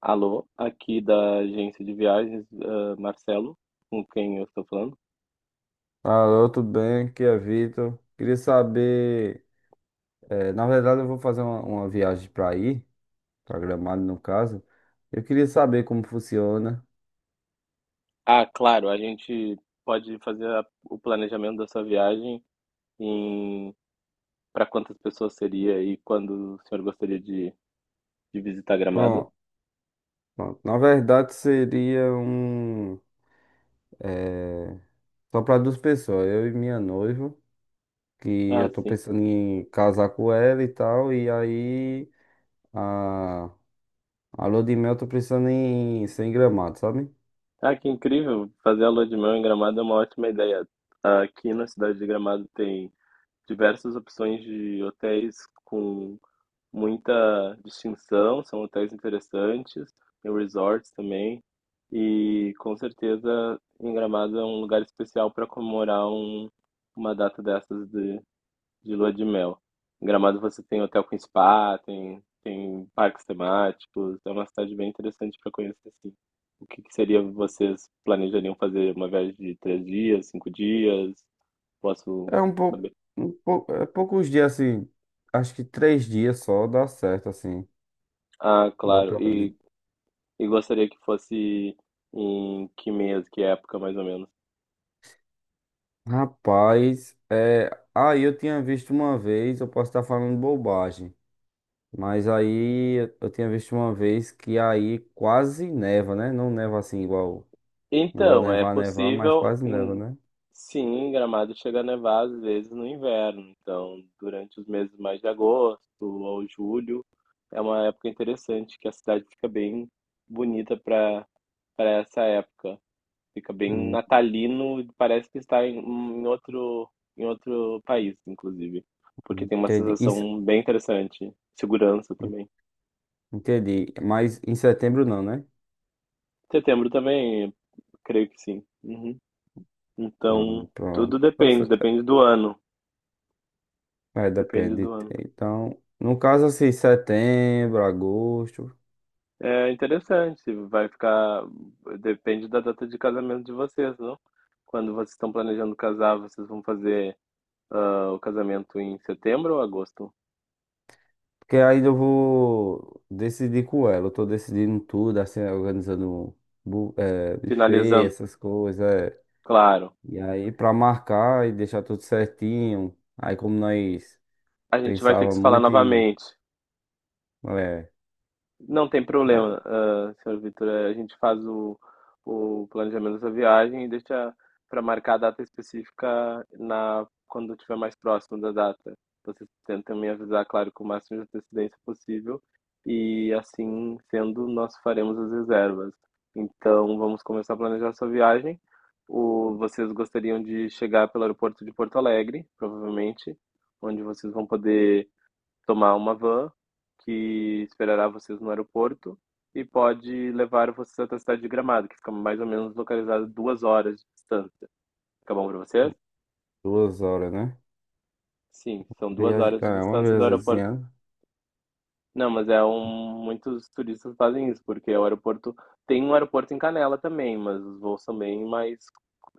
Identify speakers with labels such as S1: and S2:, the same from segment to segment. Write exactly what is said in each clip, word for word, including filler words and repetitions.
S1: Alô, aqui da agência de viagens, ah, Marcelo, com quem eu estou falando.
S2: Alô, tudo bem? Aqui é Vitor. Queria saber, eh, na verdade eu vou fazer uma, uma viagem para ir, para Gramado no caso. Eu queria saber como funciona.
S1: Ah, claro, a gente pode fazer a- o planejamento da sua viagem em para quantas pessoas seria e quando o senhor gostaria de, de visitar Gramado?
S2: Pronto, pronto. Na verdade seria um, eh, só para duas pessoas, eu e minha noiva, que
S1: Ah,
S2: eu tô
S1: sim.
S2: pensando em casar com ela e tal. E aí a, a lua de mel eu tô pensando em ser em Gramado, sabe?
S1: Ah, que incrível! Fazer a lua de mel em Gramado é uma ótima ideia. Aqui na cidade de Gramado tem diversas opções de hotéis com muita distinção, são hotéis interessantes, tem resorts também. E com certeza em Gramado é um lugar especial para comemorar um- uma data dessas de, de lua de mel. Em Gramado você tem hotel com spa, tem, tem parques temáticos, é uma cidade bem interessante para conhecer assim. O que que seria vocês planejariam fazer uma viagem de três dias, cinco dias? Posso
S2: É um pouco,
S1: saber?
S2: um pou- é poucos dias assim. Acho que três dias só dá certo assim.
S1: Ah,
S2: Dá
S1: claro.
S2: pra.
S1: E E gostaria que fosse em que mês, que época, mais ou menos?
S2: Rapaz, é... aí eu tinha visto uma vez, eu posso estar falando bobagem, mas aí eu eu tinha visto uma vez que aí quase neva, né? Não neva assim igual, igual
S1: Então, é
S2: nevar, nevar, mas
S1: possível,
S2: quase neva,
S1: em-
S2: né?
S1: sim, em Gramado chega a nevar às vezes no inverno. Então, durante os meses mais de agosto ou julho, é uma época interessante que a cidade fica bem bonita para para essa época. Fica bem
S2: Hum,
S1: natalino, parece que está em, em outro em outro país, inclusive, porque tem uma
S2: entendi. Em se-
S1: sensação bem interessante. Segurança também.
S2: Entendi. Mas em setembro não, né?
S1: Setembro também. Creio que sim. Uhum.
S2: Ah,
S1: Então, tudo
S2: pronto. Tá
S1: depende,
S2: certo.
S1: depende do ano.
S2: É,
S1: Depende do
S2: depende.
S1: ano.
S2: Então, no caso assim, setembro, agosto.
S1: É interessante, vai ficar. Depende da data de casamento de vocês, não? Quando vocês estão planejando casar, vocês vão fazer ah, o casamento em setembro ou agosto?
S2: Porque aí eu vou decidir com ela. Eu tô decidindo tudo, assim, organizando bu- é buffet,
S1: Finalizando,
S2: essas coisas. É.
S1: claro.
S2: E aí, pra marcar e deixar tudo certinho. Aí, como nós
S1: A gente vai ter que
S2: pensava
S1: se falar
S2: muito em,
S1: novamente.
S2: é,
S1: Não tem problema,
S2: mais.
S1: ah, senhor Vitor. Eh, A gente faz o, o planejamento dessa viagem e deixa para marcar a data específica na, quando estiver mais próximo da data. Vocês tentam me avisar, claro, com o máximo de antecedência possível e assim sendo, nós faremos as reservas. Então, vamos começar a planejar sua viagem. O, vocês gostariam de chegar pelo aeroporto de Porto Alegre, provavelmente, onde vocês vão poder tomar uma van que esperará vocês no aeroporto e pode levar vocês até a cidade de Gramado, que fica mais ou menos localizada duas horas de distância. Fica bom para vocês?
S2: Duas horas, né?
S1: Sim, são duas
S2: Viaje-
S1: horas de
S2: É, uma
S1: distância do aeroporto.
S2: viagemzinha.
S1: Não, mas é um. Muitos turistas fazem isso, porque o aeroporto. Tem um aeroporto em Canela também, mas os voos também mais.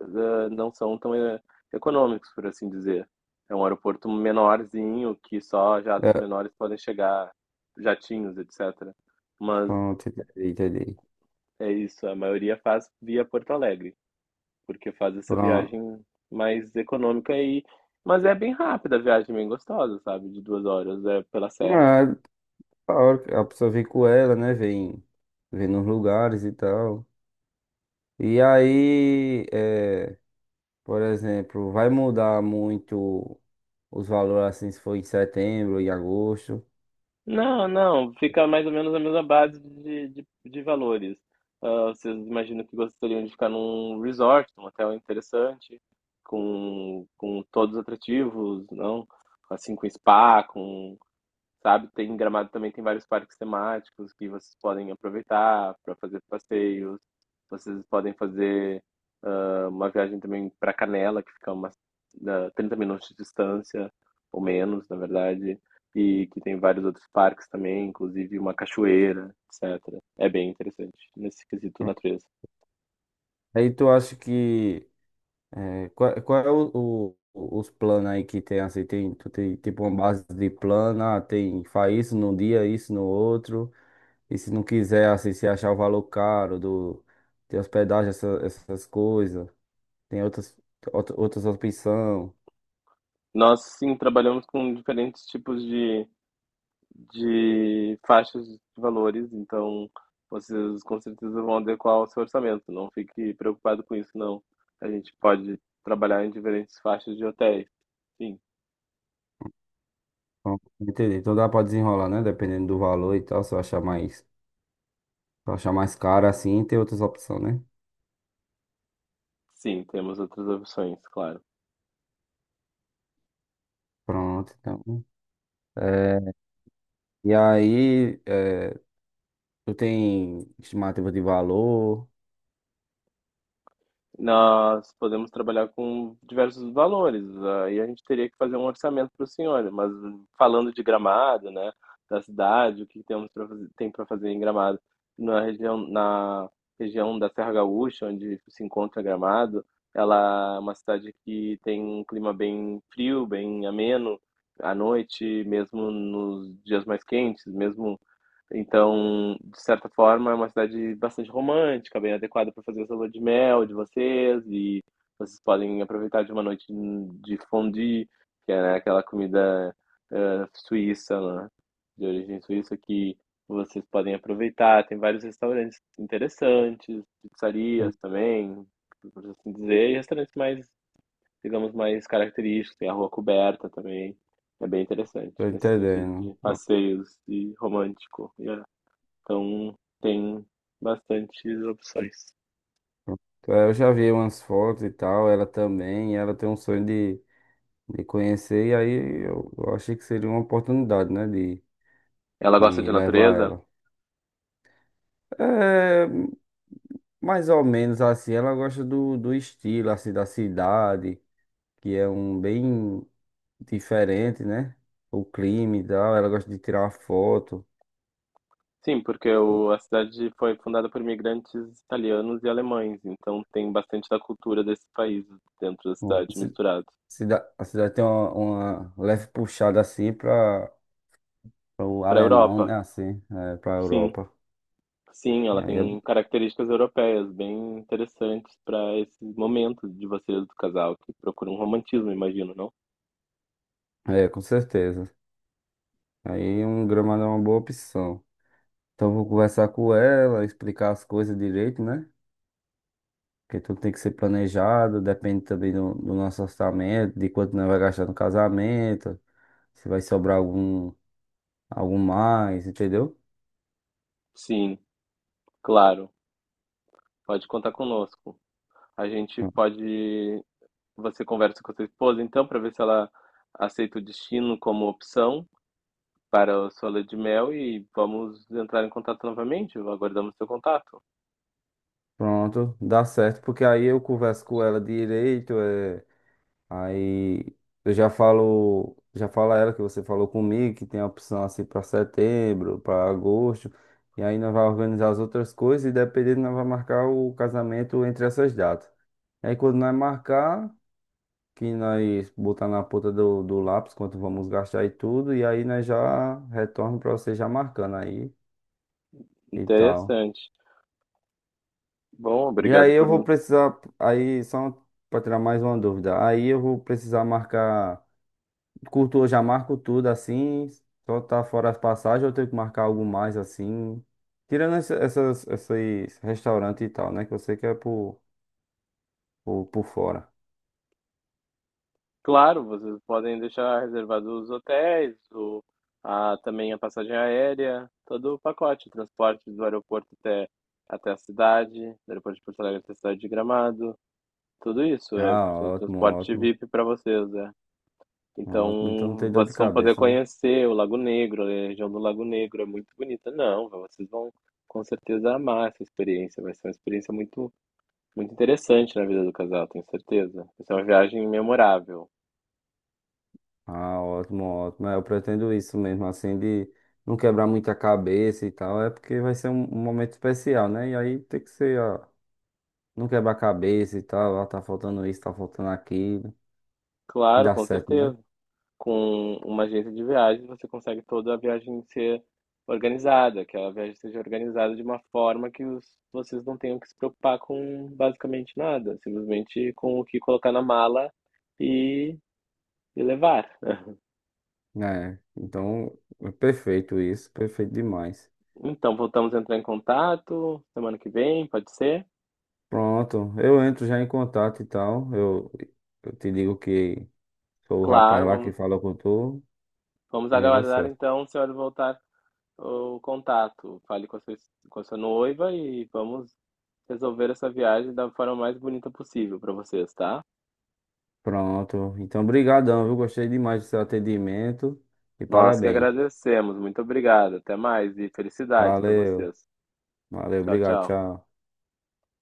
S1: eh, Não são tão eh, econômicos, por assim dizer. É um aeroporto menorzinho, que só jatos
S2: É,
S1: menores podem chegar, jatinhos, etcétera. Mas
S2: pronto, entendi, entendi.
S1: é isso, a maioria faz via Porto Alegre, porque faz essa
S2: Pronto.
S1: viagem mais econômica e. Mas é bem rápida a viagem, bem gostosa, sabe? De duas horas, é pela serra.
S2: É, da hora que a pessoa vem com ela, né? Vem, vem nos lugares e tal. E aí, é, por exemplo, vai mudar muito os valores assim se for em setembro, em agosto.
S1: Não, não, fica mais ou menos a mesma base de, de, de valores. Ah, vocês imaginam que gostariam de ficar num resort, num hotel interessante, com, com todos os atrativos, não? Assim, com spa, com sabe? Tem em Gramado também tem vários parques temáticos que vocês podem aproveitar para fazer passeios. Vocês podem fazer ah, uma viagem também para Canela, que fica umas ah, trinta minutos de distância, ou menos, na verdade, e que tem vários outros parques também, inclusive uma cachoeira, etcétera. É bem interessante nesse quesito natureza.
S2: Aí tu acha que é, qual, qual é o, o- os planos aí que tem assim? Tem, tu tem tipo uma base de plano, ah, tem faz isso num dia, isso no outro. E se não quiser, assim, se achar o valor caro do de hospedagem, essa- essas coisas. Tem outras, outra- outras opções.
S1: Nós, sim, trabalhamos com diferentes tipos de de faixas de valores, então vocês com certeza vão adequar o seu orçamento. Não fique preocupado com isso, não. A gente pode trabalhar em diferentes faixas de hotéis. Sim,
S2: Então, entendeu? Então dá pra desenrolar, né? Dependendo do valor e tal. Se eu achar mais, se eu achar mais caro assim, tem outras opções, né?
S1: sim, temos outras opções, claro.
S2: Pronto, então. É, e aí, é, tu tem estimativa de valor?
S1: Nós podemos trabalhar com diversos valores, aí a gente teria que fazer um orçamento para o senhor, mas falando de Gramado, né, da cidade, o que temos para fazer, tem para fazer em Gramado, na região, na região da Serra Gaúcha, onde se encontra Gramado, ela é uma cidade que tem um clima bem frio, bem ameno, à noite, mesmo nos dias mais quentes, mesmo então, de certa forma, é uma cidade bastante romântica, bem adequada para fazer essa lua de mel de vocês, e vocês podem aproveitar de uma noite de fondue, que é, né, aquela comida eh, suíça, né, de origem suíça, que vocês podem aproveitar. Tem vários restaurantes interessantes,
S2: Hum,
S1: pizzarias também, por assim dizer, e restaurantes mais, digamos, mais característicos. Tem a rua coberta também. É bem interessante,
S2: Tô
S1: nesse sentido
S2: entendendo.
S1: de
S2: Pronto,
S1: passeios e romântico. E é então tem bastantes opções.
S2: pronto. É, eu já vi umas fotos e tal, ela também, e ela tem um sonho de, de conhecer, e aí eu, eu achei que seria uma oportunidade, né? De,
S1: Ela gosta de
S2: de levar
S1: natureza?
S2: ela. É, mais ou menos assim, ela gosta do, do estilo assim da cidade, que é um bem diferente, né? O clima e tal, ela gosta de tirar uma foto.
S1: Sim, porque o, a cidade foi fundada por imigrantes italianos e alemães, então tem bastante da cultura desses países dentro da
S2: Hum.
S1: cidade
S2: Ci-
S1: misturado.
S2: cida- A cidade tem uma, uma leve puxada assim para o
S1: Para a
S2: alemão,
S1: Europa,
S2: né? Assim, é, para a
S1: sim,
S2: Europa.
S1: sim,
S2: E
S1: ela
S2: aí
S1: tem características europeias bem interessantes para esse momento de vocês do casal, que procuram um romantismo, imagino, não?
S2: é, é, com certeza. Aí um gramado é uma boa opção. Então eu vou conversar com ela, explicar as coisas direito, né? Porque tudo tem que ser planejado, depende também do, do nosso orçamento, de quanto nós vai gastar no casamento, se vai sobrar algum, algum mais, entendeu?
S1: Sim, claro, pode contar conosco. A gente pode você conversa com a sua esposa, então, para ver se ela aceita o destino como opção para a sua lua de mel e vamos entrar em contato novamente. Aguardamos seu contato.
S2: Pronto, dá certo, porque aí eu converso com ela direito, é, aí eu já falo, já falo a ela que você falou comigo, que tem a opção assim para setembro, para agosto, e aí nós vai organizar as outras coisas e, dependendo, nós vai marcar o casamento entre essas datas. Aí quando nós marcar, que nós botar na ponta do, do lápis quanto vamos gastar e tudo, e aí nós já retorno para você já marcando aí e tal.
S1: Interessante. Bom,
S2: E
S1: obrigado
S2: aí eu
S1: por.
S2: vou precisar, aí só para tirar mais uma dúvida, aí eu vou precisar marcar curto, eu já marco tudo assim, só tá fora as passagens, ou eu tenho que marcar algo mais assim, tirando essa- essas, esses restaurantes e tal, né, que você quer por, por, por fora.
S1: Claro, vocês podem deixar reservados os hotéis, o... a... também a passagem aérea, todo o pacote, transporte do aeroporto até até a cidade, do aeroporto de Porto Alegre até a cidade de Gramado, tudo isso é
S2: Ah,
S1: o
S2: ótimo,
S1: transporte
S2: ótimo,
S1: V I P para vocês, é.
S2: ótimo, então não
S1: Então,
S2: tem dor de
S1: vocês vão poder
S2: cabeça, né?
S1: conhecer o Lago Negro, a região do Lago Negro é muito bonita. Não, vocês vão com certeza amar essa experiência. Vai ser uma experiência muito, muito interessante na vida do casal, tenho certeza. Vai ser uma viagem memorável.
S2: Ah, ótimo, ótimo. É, eu pretendo isso mesmo, assim, de não quebrar muita cabeça e tal. É porque vai ser um, um momento especial, né? E aí tem que ser, ó, não quebrar a cabeça e tal, ó, tá faltando isso, tá faltando aquilo, e
S1: Claro,
S2: dá
S1: com
S2: certo, né?
S1: certeza. Com uma agência de viagens, você consegue toda a viagem ser organizada, que a viagem seja organizada de uma forma que os, vocês não tenham que se preocupar com basicamente nada, simplesmente com o que colocar na mala e, e levar.
S2: É, então, é perfeito isso, perfeito demais.
S1: Então, voltamos a entrar em contato semana que vem, pode ser?
S2: Pronto, eu entro já em contato e tal, eu, eu te digo que sou o rapaz
S1: Claro,
S2: lá que
S1: vamos,
S2: falou com tu,
S1: vamos
S2: e aí dá
S1: aguardar
S2: certo.
S1: então o senhor voltar o contato. Fale com a sua, com a sua noiva e vamos resolver essa viagem da forma mais bonita possível para vocês, tá?
S2: Pronto, então, brigadão, viu? Gostei demais do seu atendimento e
S1: Nós que
S2: parabéns.
S1: agradecemos. Muito obrigado. Até mais e felicidades para
S2: Valeu,
S1: vocês.
S2: valeu,
S1: Tchau,
S2: obrigado,
S1: tchau.
S2: tchau.